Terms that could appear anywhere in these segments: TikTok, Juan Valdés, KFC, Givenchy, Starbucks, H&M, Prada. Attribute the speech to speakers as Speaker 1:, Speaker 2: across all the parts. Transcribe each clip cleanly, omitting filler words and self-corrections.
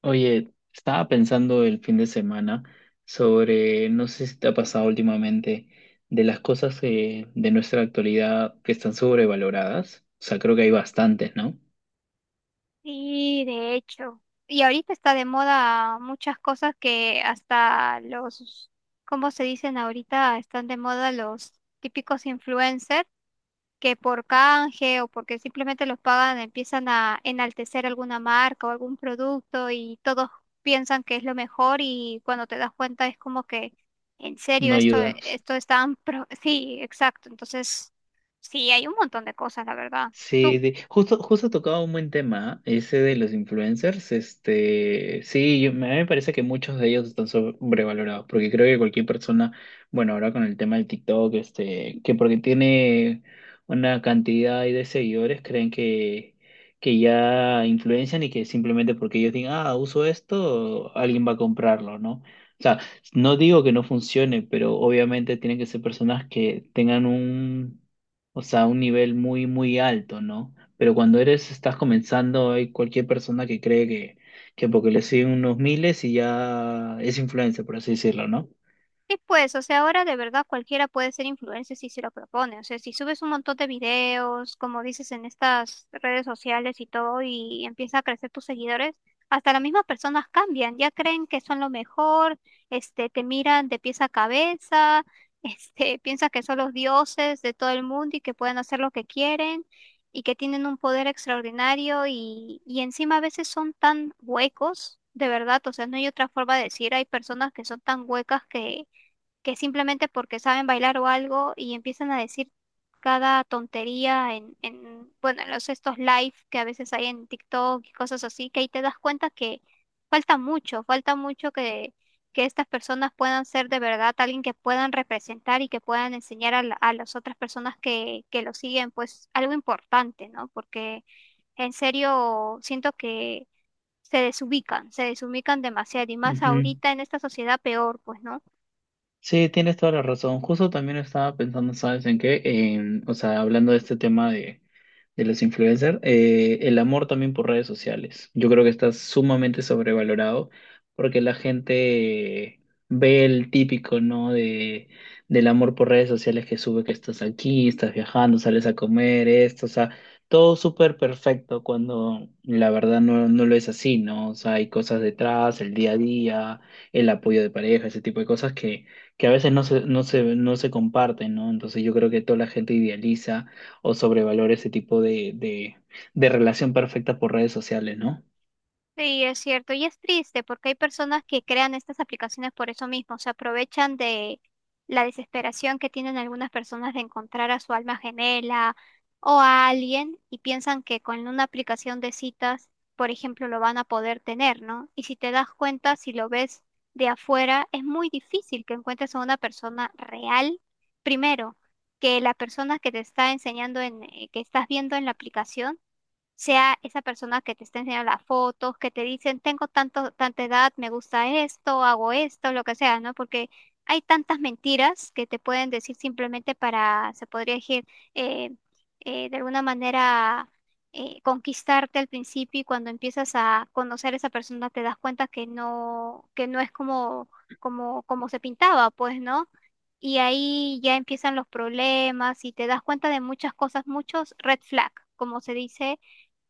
Speaker 1: Oye, estaba pensando el fin de semana sobre, no sé si te ha pasado últimamente, de las cosas de nuestra actualidad que están sobrevaloradas. O sea, creo que hay bastantes, ¿no?
Speaker 2: Sí, de hecho. Y ahorita está de moda muchas cosas que hasta los, ¿cómo se dicen ahorita? Están de moda los típicos influencers que por canje o porque simplemente los pagan empiezan a enaltecer alguna marca o algún producto y todos piensan que es lo mejor y cuando te das cuenta es como que, en serio,
Speaker 1: No
Speaker 2: esto,
Speaker 1: ayuda.
Speaker 2: esto está... Sí, exacto. Entonces, sí, hay un montón de cosas, la verdad.
Speaker 1: Sí, justo, justo tocaba un buen tema, ¿eh? Ese de los influencers. Este, sí, a mí me parece que muchos de ellos están sobrevalorados, porque creo que cualquier persona, bueno, ahora con el tema del TikTok, este, que porque tiene una cantidad ahí de seguidores, creen que ya influencian y que simplemente porque ellos digan, ah, uso esto, alguien va a comprarlo, ¿no? O sea, no digo que no funcione, pero obviamente tienen que ser personas que tengan un o sea, un nivel muy, muy alto, ¿no? Pero cuando eres, estás comenzando, hay cualquier persona que cree que porque le siguen unos miles y ya es influencer, por así decirlo, no.
Speaker 2: Sí, pues, o sea, ahora de verdad cualquiera puede ser influencer si se lo propone. O sea, si subes un montón de videos, como dices, en estas redes sociales y todo, y empieza a crecer tus seguidores, hasta las mismas personas cambian, ya creen que son lo mejor, te miran de pies a cabeza, piensas que son los dioses de todo el mundo y que pueden hacer lo que quieren y que tienen un poder extraordinario y encima a veces son tan huecos, de verdad, o sea, no hay otra forma de decir, hay personas que son tan huecas que simplemente porque saben bailar o algo y empiezan a decir cada tontería en en los estos live que a veces hay en TikTok y cosas así, que ahí te das cuenta que falta mucho que estas personas puedan ser de verdad alguien que puedan representar y que puedan enseñar a, a las otras personas que lo siguen, pues algo importante, ¿no? Porque en serio siento que se desubican demasiado y más
Speaker 1: Ujú.
Speaker 2: ahorita en esta sociedad peor, pues, ¿no?
Speaker 1: Sí, tienes toda la razón. Justo también estaba pensando, ¿sabes en qué? En, o sea, hablando de este tema de los influencers, el amor también por redes sociales. Yo creo que está sumamente sobrevalorado porque la gente ve el típico, ¿no? De, del amor por redes sociales que sube que estás aquí, estás viajando, sales a comer, esto, o sea, todo súper perfecto cuando la verdad no, no lo es así, ¿no? O sea, hay cosas detrás, el día a día, el apoyo de pareja, ese tipo de cosas que a veces no se, no se, no se comparten, ¿no? Entonces yo creo que toda la gente idealiza o sobrevalora ese tipo de relación perfecta por redes sociales, ¿no?
Speaker 2: Sí, es cierto, y es triste porque hay personas que crean estas aplicaciones por eso mismo, se aprovechan de la desesperación que tienen algunas personas de encontrar a su alma gemela o a alguien y piensan que con una aplicación de citas, por ejemplo, lo van a poder tener, ¿no? Y si te das cuenta, si lo ves de afuera, es muy difícil que encuentres a una persona real, primero, que la persona que te está enseñando que estás viendo en la aplicación sea esa persona que te está enseñando las fotos, que te dicen, tengo tanto, tanta edad, me gusta esto, hago esto, lo que sea, ¿no? Porque hay tantas mentiras que te pueden decir simplemente para, se podría decir, eh, de alguna manera conquistarte al principio y cuando empiezas a conocer a esa persona te das cuenta que no es como, como se pintaba, pues, ¿no? Y ahí ya empiezan los problemas y te das cuenta de muchas cosas, muchos red flag, como se dice,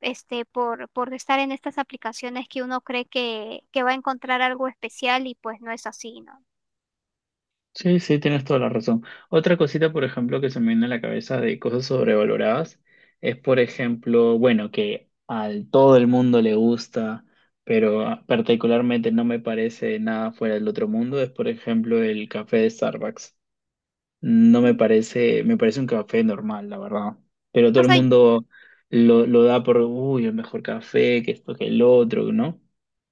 Speaker 2: por estar en estas aplicaciones que uno cree que va a encontrar algo especial y pues no es así, ¿no?
Speaker 1: Sí, sí, tienes toda la razón. Otra cosita, por ejemplo, que se me viene a la cabeza de cosas sobrevaloradas es, por ejemplo, bueno, que a todo el mundo le gusta, pero ah, particularmente no me parece nada fuera del otro mundo, es, por ejemplo, el café de Starbucks. No me
Speaker 2: Mm.
Speaker 1: parece, me parece un café normal, la verdad. Pero todo
Speaker 2: O
Speaker 1: el
Speaker 2: sea,
Speaker 1: mundo lo da por, uy, el mejor café, que esto, que el otro, ¿no?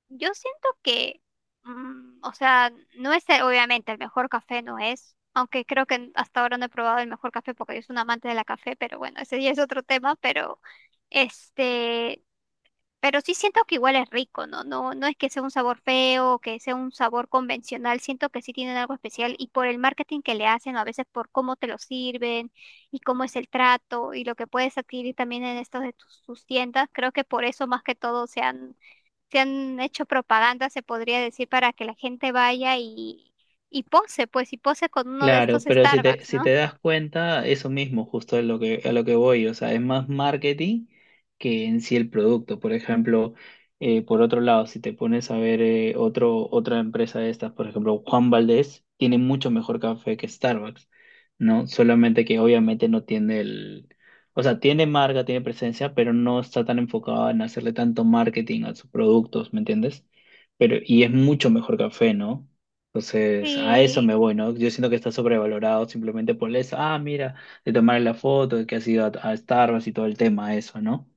Speaker 2: yo siento que, mm, o sea, no es el- obviamente el mejor café, no es, aunque creo que hasta ahora no he probado el mejor café porque yo soy un amante de la café, pero bueno, ese ya es otro tema, pero este... Pero sí siento que igual es rico, ¿no? No, no es que sea un sabor feo, que sea un sabor convencional, siento que sí tienen algo especial y por el marketing que le hacen, o a veces por cómo te lo sirven y cómo es el trato y lo que puedes adquirir también en estos de sus tiendas, creo que por eso más que todo se han hecho propaganda, se podría decir, para que la gente vaya y pose, pues, y pose con uno de estos
Speaker 1: Claro, pero
Speaker 2: Starbucks,
Speaker 1: si
Speaker 2: ¿no?
Speaker 1: te das cuenta, eso mismo justo es lo que, a lo que voy, o sea, es más marketing que en sí el producto. Por ejemplo, por otro lado, si te pones a ver otro, otra empresa de estas, por ejemplo, Juan Valdez tiene mucho mejor café que Starbucks, ¿no? Solamente que obviamente no tiene el, o sea, tiene marca, tiene presencia, pero no está tan enfocado en hacerle tanto marketing a sus productos, ¿me entiendes? Pero, y es mucho mejor café, ¿no? Entonces, a eso
Speaker 2: Sí.
Speaker 1: me voy, ¿no? Yo siento que está sobrevalorado simplemente por eso. Ah, mira, de tomar la foto, de que has ido a Starbucks y todo el tema, eso, ¿no?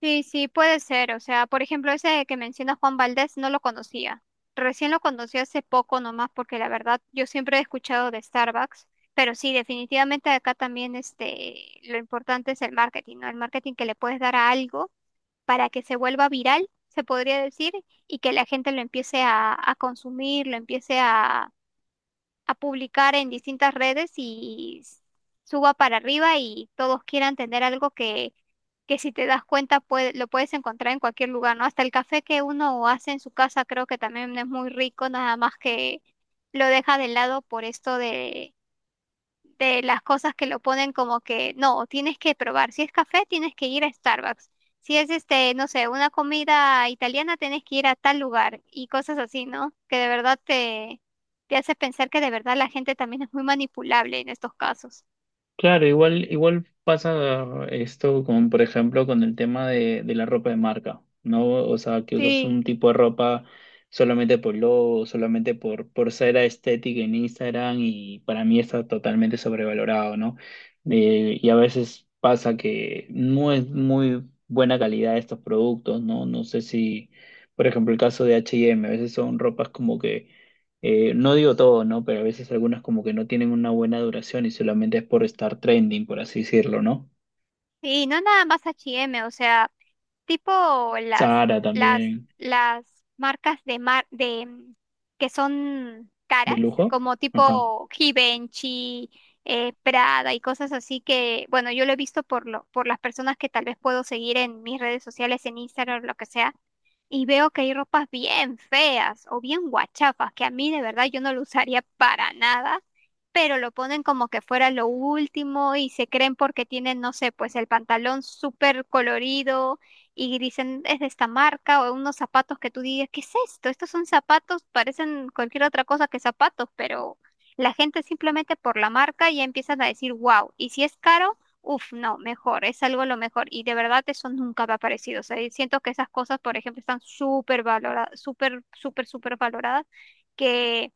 Speaker 2: Sí, sí, puede ser. O sea, por ejemplo, ese que menciona Juan Valdés no lo conocía. Recién lo conocí hace poco nomás porque la verdad yo siempre he escuchado de Starbucks, pero sí, definitivamente acá también lo importante es el marketing, ¿no? El marketing que le puedes dar a algo para que se vuelva viral, se podría decir, y que la gente lo empiece a consumir, lo empiece a publicar en distintas redes y suba para arriba y todos quieran tener algo que si te das cuenta puede, lo puedes encontrar en cualquier lugar, ¿no? Hasta el café que uno hace en su casa creo que también es muy rico, nada más que lo deja de lado por esto de las cosas que lo ponen como que no, tienes que probar. Si es café, tienes que ir a Starbucks. Si es no sé, una comida italiana, tienes que ir a tal lugar y cosas así, ¿no? Que de verdad te, te hace pensar que de verdad la gente también es muy manipulable en estos casos.
Speaker 1: Claro, igual, igual pasa esto como por ejemplo con el tema de la ropa de marca, ¿no? O sea, que usas
Speaker 2: Sí.
Speaker 1: un tipo de ropa solamente por logo, solamente por ser estética en Instagram y para mí está totalmente sobrevalorado, ¿no? Y a veces pasa que no es muy buena calidad estos productos, ¿no? No sé si, por ejemplo, el caso de H&M, a veces son ropas como que no digo todo, ¿no? Pero a veces algunas como que no tienen una buena duración y solamente es por estar trending, por así decirlo, ¿no?
Speaker 2: Sí, no nada más H&M, o sea, tipo
Speaker 1: Sara
Speaker 2: las
Speaker 1: también,
Speaker 2: las marcas de que son caras,
Speaker 1: de lujo.
Speaker 2: como
Speaker 1: Ajá.
Speaker 2: tipo Givenchy, Prada y cosas así que, bueno, yo lo he visto por lo por las personas que tal vez puedo seguir en mis redes sociales, en Instagram, lo que sea, y veo que hay ropas bien feas o bien guachafas que a mí de verdad yo no lo usaría para nada pero lo ponen como que fuera lo último y se creen porque tienen, no sé, pues el pantalón súper colorido y dicen es de esta marca o unos zapatos que tú digas, ¿qué es esto? Estos son zapatos, parecen cualquier otra cosa que zapatos, pero la gente simplemente por la marca ya empiezan a decir, wow, y si es caro, uff, no, mejor, es algo lo mejor. Y de verdad eso nunca me ha parecido. O sea, y siento que esas cosas, por ejemplo, están súper valoradas, súper, súper, súper valoradas. que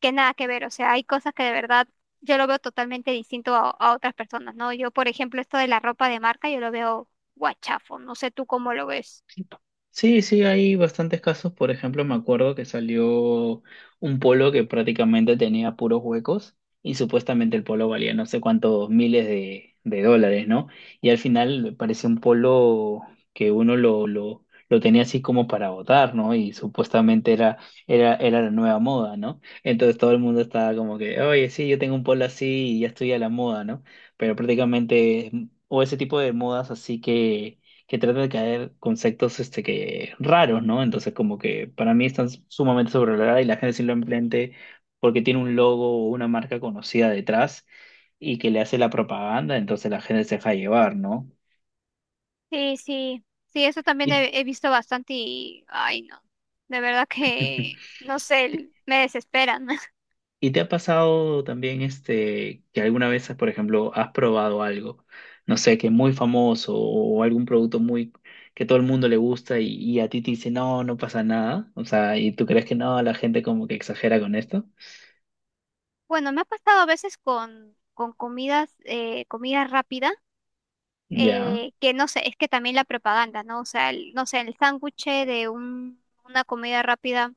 Speaker 2: que nada que ver, o sea, hay cosas que de verdad yo lo veo totalmente distinto a otras personas, ¿no? Yo, por ejemplo, esto de la ropa de marca, yo lo veo guachafo, no sé tú cómo lo ves.
Speaker 1: Sí, sí, hay bastantes casos. Por ejemplo, me acuerdo que salió un polo que prácticamente tenía puros huecos y supuestamente el polo valía no sé cuántos miles de dólares, ¿no? Y al final parecía un polo que uno lo tenía así como para votar, ¿no? Y supuestamente era la nueva moda, ¿no? Entonces todo el mundo estaba como que, oye, sí, yo tengo un polo así y ya estoy a la moda, ¿no? Pero prácticamente, o ese tipo de modas así que trata de caer conceptos este, que, raros, ¿no? Entonces, como que para mí están sumamente sobrevaloradas y la gente simplemente porque tiene un logo o una marca conocida detrás y que le hace la propaganda, entonces la gente se deja llevar, ¿no?
Speaker 2: Sí, sí, sí, eso también
Speaker 1: ¿Y,
Speaker 2: he visto bastante y, ay, no, de verdad que, no sé, me desesperan.
Speaker 1: y te ha pasado también este, que alguna vez, por ejemplo, has probado algo, no sé, que es muy famoso o algún producto muy que todo el mundo le gusta y a ti te dice, no, no pasa nada, o sea, y tú crees que no, la gente como que exagera con esto,
Speaker 2: Bueno, me ha pasado a veces con comidas, comida rápida.
Speaker 1: ya.
Speaker 2: Que no sé, es que también la propaganda, ¿no? O sea, no sé, el sándwich de una comida rápida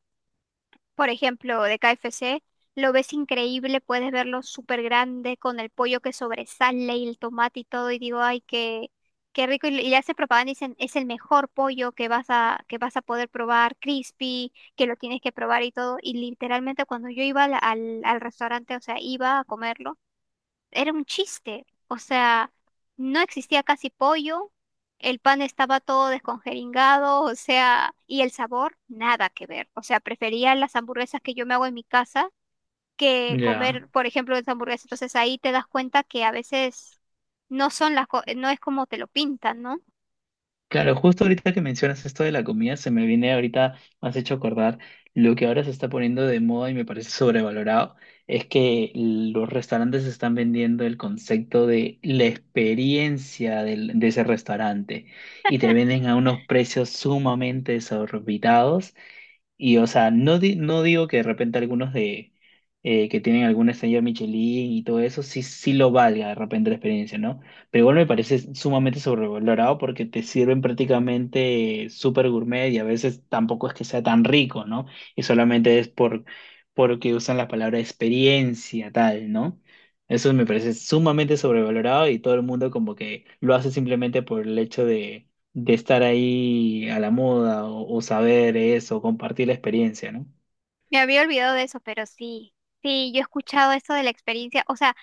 Speaker 2: por ejemplo, de KFC, lo ves increíble, puedes verlo súper grande con el pollo que sobresale y el tomate y todo, y digo, ay, qué, qué rico, y le hace propaganda y dicen, es el mejor pollo que vas a poder probar, crispy, que lo tienes que probar y todo, y literalmente cuando yo iba al restaurante, o sea, iba a comerlo, era un chiste. O sea, no existía casi pollo, el pan estaba todo descongeringado, o sea, y el sabor nada que ver. O sea, prefería las hamburguesas que yo me hago en mi casa que
Speaker 1: Ya,
Speaker 2: comer, por ejemplo, esa hamburguesa. Entonces ahí te das cuenta que a veces no es como te lo pintan, ¿no?
Speaker 1: claro, justo ahorita que mencionas esto de la comida, se me viene ahorita, me has hecho acordar, lo que ahora se está poniendo de moda y me parece sobrevalorado, es que los restaurantes están vendiendo el concepto de la experiencia de ese restaurante y te venden a unos precios sumamente desorbitados. Y, o sea, no, no digo que de repente algunos de que tienen alguna estrella Michelin y todo eso, sí, sí lo valga de repente la experiencia, ¿no? Pero igual me parece sumamente sobrevalorado porque te sirven prácticamente súper gourmet y a veces tampoco es que sea tan rico, ¿no? Y solamente es por porque usan la palabra experiencia, tal, ¿no? Eso me parece sumamente sobrevalorado y todo el mundo como que lo hace simplemente por el hecho de estar ahí a la moda o saber eso, compartir la experiencia, ¿no?
Speaker 2: Me había olvidado de eso, pero sí, sí, yo he escuchado eso de la experiencia. O sea,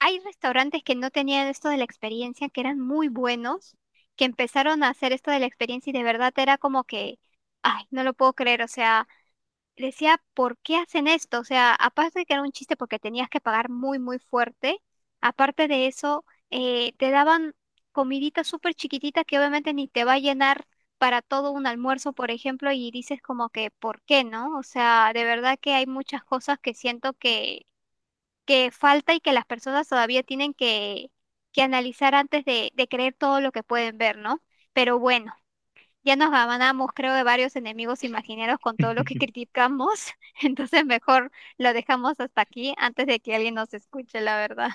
Speaker 2: hay restaurantes que no tenían esto de la experiencia, que eran muy buenos, que empezaron a hacer esto de la experiencia y de verdad era como que, ay, no lo puedo creer, o sea, decía, ¿por qué hacen esto? O sea, aparte de que era un chiste porque tenías que pagar muy, muy fuerte, aparte de eso, te daban comidita súper chiquitita que obviamente ni te va a llenar para todo un almuerzo, por ejemplo, y dices como que, ¿por qué no? O sea, de verdad que hay muchas cosas que siento que falta y que las personas todavía tienen que analizar antes de creer todo lo que pueden ver, ¿no? Pero bueno, ya nos ganamos, creo, de varios enemigos imaginarios con todo lo que criticamos, entonces mejor lo dejamos hasta aquí antes de que alguien nos escuche, la verdad.